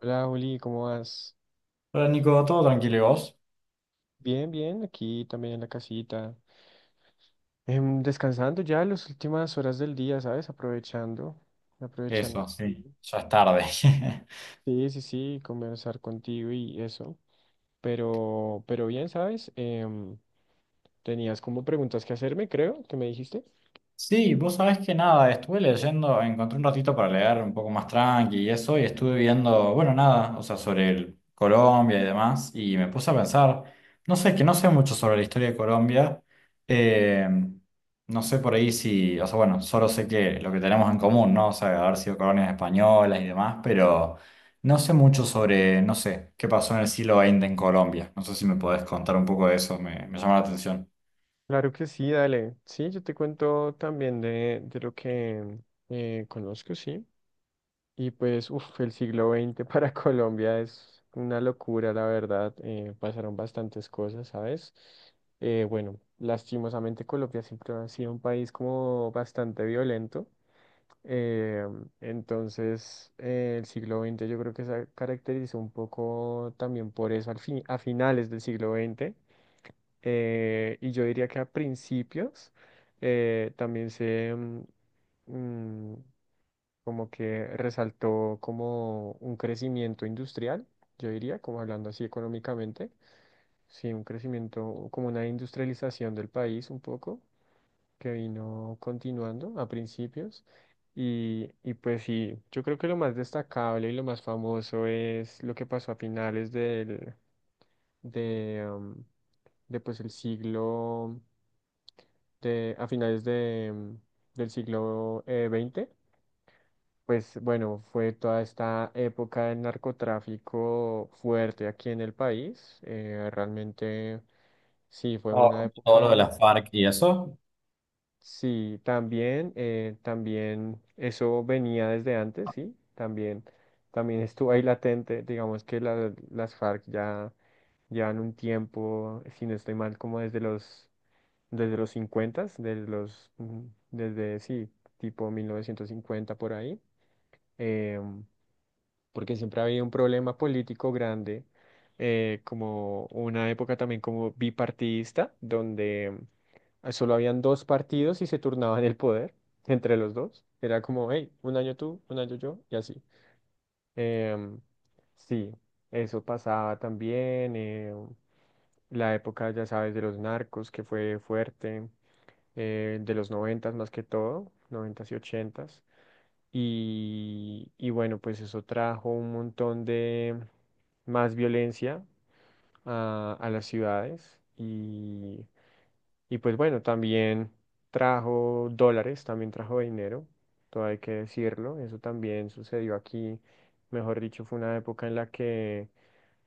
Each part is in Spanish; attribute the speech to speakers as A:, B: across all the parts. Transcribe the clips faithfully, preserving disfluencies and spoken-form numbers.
A: Hola Juli, ¿cómo vas?
B: Hola Nico, todo tranquilo, ¿y vos?
A: Bien, bien, aquí también en la casita. Em, descansando ya las últimas horas del día, ¿sabes? Aprovechando, aprovechando
B: Eso, sí,
A: aquí.
B: ya es tarde.
A: Sí, sí, sí, conversar contigo y eso. Pero, pero bien, ¿sabes? Em, tenías como preguntas que hacerme, creo, que me dijiste.
B: Sí, vos sabés que nada, estuve leyendo, encontré un ratito para leer un poco más tranqui y eso, y estuve viendo, bueno, nada, o sea, sobre el Colombia y demás, y me puse a pensar, no sé, que no sé mucho sobre la historia de Colombia. eh, no sé por ahí si, o sea, bueno, solo sé que lo que tenemos en común, ¿no? O sea, haber sido colonias españolas y demás, pero no sé mucho sobre, no sé, qué pasó en el siglo veinte en Colombia. No sé si me podés contar un poco de eso, me, me llama la atención.
A: Claro que sí, dale. Sí, yo te cuento también de, de lo que eh, conozco, sí. Y pues, uff, el siglo veinte para Colombia es una locura, la verdad. Eh, pasaron bastantes cosas, ¿sabes? Eh, bueno, lastimosamente Colombia siempre ha sido un país como bastante violento. eh, entonces, eh, el siglo veinte yo creo que se caracterizó un poco también por eso al fin, a finales del siglo veinte. Eh, y yo diría que a principios eh, también se... mm, como que resaltó como un crecimiento industrial, yo diría, como hablando así económicamente, sí, un crecimiento, como una industrialización del país un poco, que vino continuando a principios. Y, y pues sí, yo creo que lo más destacable y lo más famoso es lo que pasó a finales del, de, em, de pues el siglo, de, a finales de, em, del siglo eh, veinte, pues bueno, fue toda esta época del narcotráfico fuerte aquí en el país. Eh, realmente sí, fue una
B: Oh, Todo lo de
A: época,
B: la FARC y eso.
A: sí, también, eh, también eso venía desde antes, sí, también, también estuvo ahí latente. Digamos que la- las FARC ya llevan un tiempo, si no estoy mal, como desde los, desde los cincuenta, desde los, mm, desde, sí, tipo mil novecientos cincuenta por ahí. em, Porque siempre había un problema político grande, eh, como una época también como bipartidista, donde eh, solo habían dos partidos y se turnaban el poder entre los dos. Era como, hey, un año tú, un año yo, y así. Em, sí, eso pasaba también. Eh, la época, ya sabes, de los narcos, que fue fuerte, eh, de los noventas más que todo, noventas y ochentas. Y, y bueno, pues eso trajo un montón de más violencia a, a las ciudades. Y, y pues bueno, también trajo dólares, también trajo dinero, todo hay que decirlo. Eso también sucedió aquí. Mejor dicho, fue una época en la que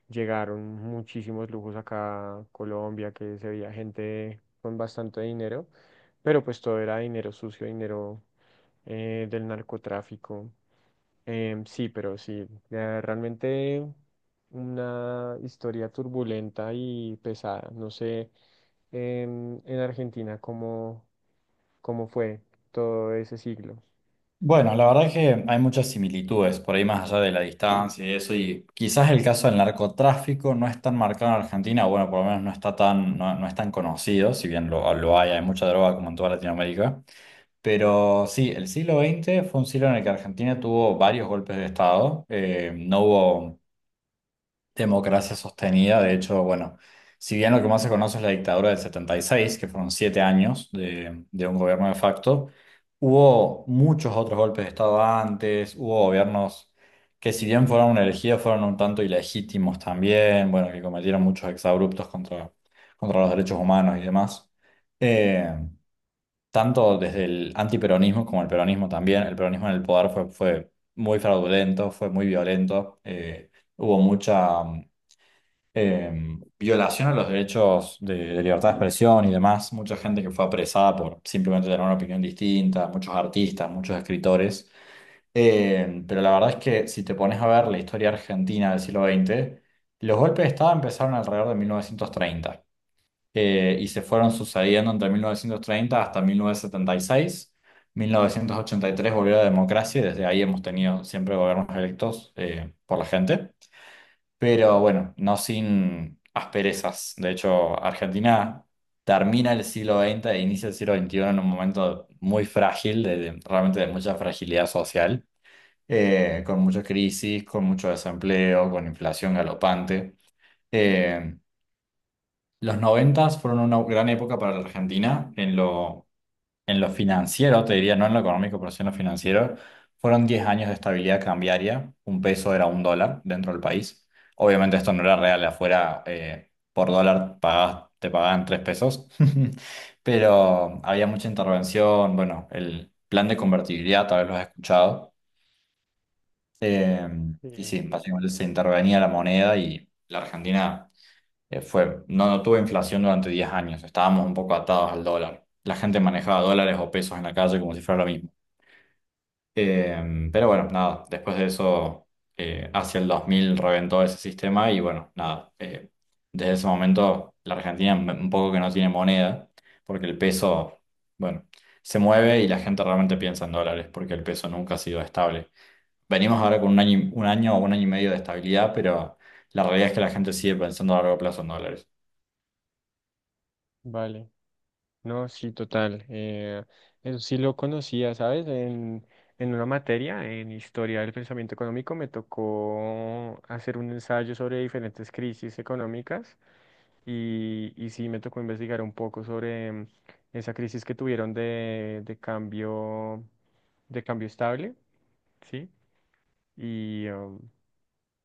A: llegaron muchísimos lujos acá a Colombia, que se veía gente con bastante dinero, pero pues todo era dinero sucio, dinero eh, del narcotráfico. Em, sí, pero sí, eh, realmente una historia turbulenta y pesada. No sé, en, en Argentina cómo, cómo fue todo ese siglo.
B: Bueno, la verdad es que hay muchas similitudes, por ahí más allá de la distancia y eso, y quizás el caso del narcotráfico no es tan marcado en Argentina, o bueno, por lo menos no está tan, no, no es tan conocido, si bien lo, lo hay, hay mucha droga como en toda Latinoamérica. Pero sí, el siglo veinte fue un siglo en el que Argentina tuvo varios golpes de Estado. Eh, no hubo democracia sostenida. De hecho, bueno, si bien lo que más se conoce es la dictadura del setenta y seis, que fueron siete años de, de un gobierno de facto, hubo muchos otros golpes de Estado antes. Hubo gobiernos que si bien fueron elegidos, fueron un tanto ilegítimos también, bueno, que cometieron muchos exabruptos contra, contra los derechos humanos y demás. Eh, tanto desde el antiperonismo como el peronismo también. El peronismo en el poder fue, fue muy fraudulento, fue muy violento. Eh, hubo mucha, eh, violación a los derechos de, de libertad de expresión y demás. Mucha gente que fue apresada por simplemente tener una opinión distinta, muchos artistas, muchos escritores. Eh, pero la verdad es que si te pones a ver la historia argentina del siglo veinte, los golpes de Estado empezaron alrededor de mil novecientos treinta eh, y se fueron sucediendo entre mil novecientos treinta hasta mil novecientos setenta y seis. mil novecientos ochenta y tres volvió la democracia y desde ahí hemos tenido siempre gobiernos electos eh, por la gente, pero bueno, no sin asperezas. De hecho, Argentina termina el siglo veinte e inicia el siglo veintiuno en un momento muy frágil, de, de- realmente de mucha fragilidad social, eh, con mucha crisis, con mucho desempleo, con inflación galopante. Eh, los noventas fueron una gran época para la Argentina en lo, en lo financiero, te diría, no en lo económico, pero sí en lo financiero. Fueron diez años de estabilidad cambiaria, un peso era un dólar dentro del país. Obviamente esto no era real. Afuera eh, por dólar pagabas- te pagaban tres pesos, pero había mucha intervención, bueno, el plan de convertibilidad, tal vez lo has escuchado. Eh, y
A: Sí,
B: sí, básicamente se intervenía la moneda y la Argentina... Eh, fue, no, no tuve inflación durante diez años, estábamos un poco atados al dólar. La gente manejaba dólares o pesos en la calle como si fuera lo mismo. Eh, pero bueno, nada, después de eso, eh, hacia el dos mil reventó ese sistema y bueno, nada. Eh, desde ese momento la Argentina m- un poco que no tiene moneda, porque el peso, bueno, se mueve y la gente realmente piensa en dólares, porque el peso nunca ha sido estable. Venimos ahora con un año, y- un año o un año y medio de estabilidad, pero la realidad es que la gente sigue pensando a largo plazo en dólares.
A: vale. No, sí, total. Eh, eso sí lo conocía, ¿sabes? En, en una materia, en Historia del Pensamiento Económico, me tocó hacer un ensayo sobre diferentes crisis económicas. y, y sí me tocó investigar un poco sobre mm, esa crisis que tuvieron de, de cambio, de cambio estable, ¿sí? Y, um,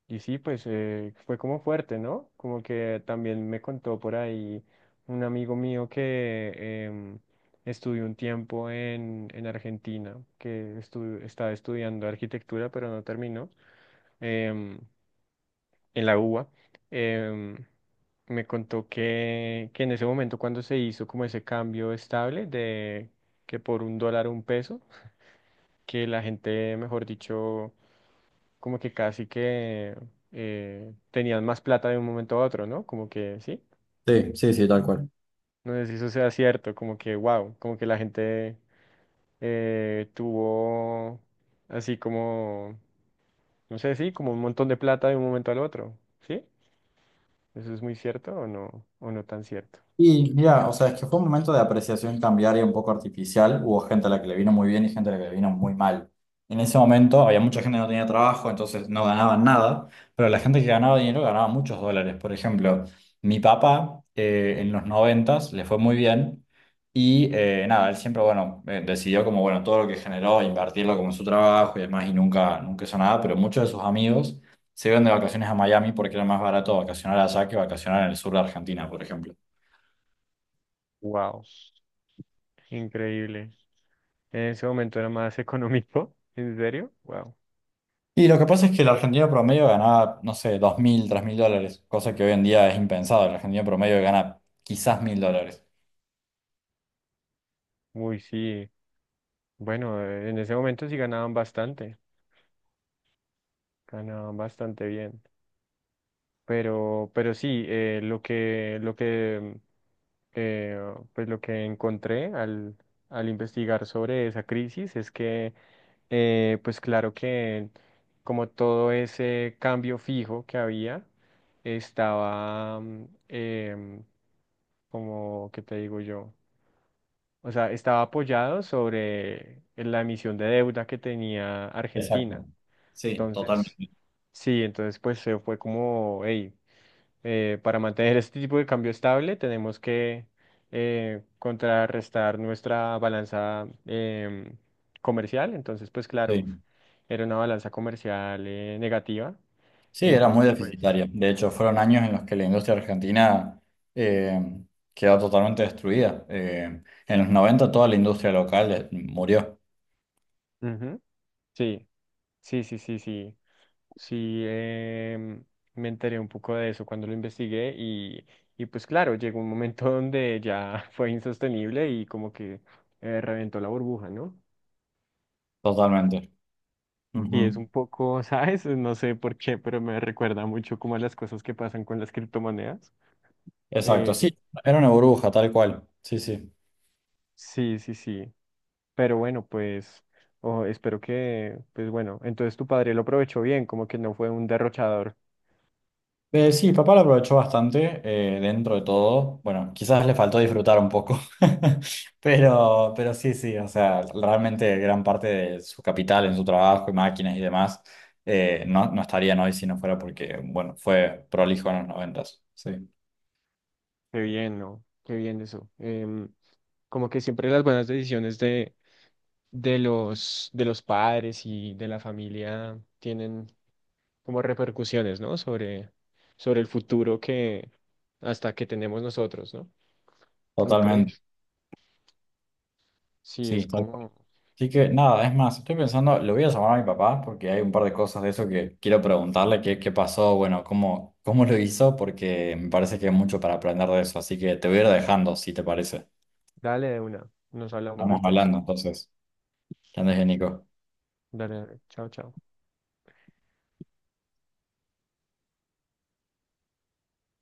A: y sí, pues eh, fue como fuerte, ¿no? Como que también me contó por ahí un amigo mío que em, estudió un tiempo en, en Argentina, que estu- estaba estudiando arquitectura, pero no terminó. Em, en la UBA, em, me contó que, que en ese momento cuando se hizo como ese cambio estable de que por un dólar un peso, que la gente, mejor dicho, como que casi que eh, tenían más plata de un momento a otro, ¿no? Como que sí,
B: Sí, sí, sí, tal cual.
A: no sé si eso sea cierto, como que wow, como que la gente eh, tuvo así como, no sé, sí, como un montón de plata de un momento al otro, ¿sí? ¿Eso es muy cierto o no, o no tan cierto?
B: Y mira, o sea, es que fue un momento de apreciación cambiaria un poco artificial. Hubo gente a la que le vino muy bien y gente a la que le vino muy mal. En ese momento había mucha gente que no tenía trabajo, entonces no ganaban nada, pero la gente que ganaba dinero ganaba muchos dólares. Por ejemplo, mi papá, eh, en los noventas le fue muy bien y eh, nada, él siempre, bueno, eh, decidió como, bueno, todo lo que generó, invertirlo como en su trabajo y demás, y nunca, nunca hizo nada, pero muchos de sus amigos se iban de vacaciones a Miami, porque era más barato vacacionar allá que vacacionar en el sur de Argentina, por ejemplo.
A: Wow. Increíble. En ese momento era más económico. ¿En serio? Wow.
B: Y lo que pasa es que el argentino promedio ganaba, no sé, dos mil, tres mil dólares, cosa que hoy en día es impensado. El argentino promedio gana quizás mil dólares.
A: Uy, sí. Bueno, eh, en ese momento sí ganaban bastante. Ganaban bastante bien. Pero, pero sí, eh, lo que, lo que, eh, pues lo que encontré al, al investigar sobre esa crisis es que, eh, pues claro que como todo ese cambio fijo que había, estaba, mm, em, como, ¿qué te digo yo? O sea, estaba apoyado sobre la emisión de deuda que tenía Argentina.
B: Exacto. Sí,
A: Entonces,
B: totalmente.
A: sí, entonces pues se fue como, hey, para mantener este tipo de cambio estable tenemos que eh, contrarrestar nuestra balanza em, comercial. Entonces, pues claro,
B: Sí.
A: era una balanza comercial eh, negativa.
B: Sí, era muy
A: Entonces, pues,
B: deficitario. De hecho, fueron años en los que la industria argentina eh, quedó totalmente destruida. Eh, en los noventa toda la industria local eh, murió
A: ujú, sí, sí, sí, sí, sí. Sí, em, me enteré un poco de eso cuando lo investigué y, y pues claro, llegó un momento donde ya fue insostenible y como que eh, reventó la burbuja, ¿no?
B: totalmente.
A: Y es
B: Ujú.
A: un poco, ¿sabes? No sé por qué, pero me recuerda mucho como a las cosas que pasan con las criptomonedas.
B: Exacto,
A: Eh,
B: sí, era una burbuja, tal cual. Sí, sí.
A: sí, sí, sí. Pero bueno, pues oh, espero que, pues bueno, entonces tu padre lo aprovechó bien, como que no fue un derrochador.
B: Eh, sí, papá lo aprovechó bastante eh, dentro de todo. Bueno, quizás le faltó disfrutar un poco, pero, pero sí, sí, o sea, realmente gran parte de su capital en su trabajo y máquinas y demás eh, no, no estarían hoy si no fuera porque, bueno, fue prolijo en los noventas. Sí,
A: Qué bien, ¿no? Qué bien eso. Em, Como que siempre las buenas decisiones de, de los, de los padres y de la familia tienen como repercusiones, ¿no? Sobre, sobre el futuro que hasta que tenemos nosotros, ¿no? ¿No
B: totalmente.
A: crees? Sí, es
B: Sí, tal.
A: como,
B: Así que nada, es más, estoy pensando, lo voy a llamar a mi papá porque hay un par de cosas de eso que quiero preguntarle qué, qué pasó, bueno, cómo, cómo lo hizo, porque me parece que hay mucho para aprender de eso. Así que te voy a ir dejando, si te parece.
A: dale de una, nos hablamos
B: Estamos
A: después.
B: hablando entonces. Que andes bien, Nico.
A: Dale, dale. Chao, chao.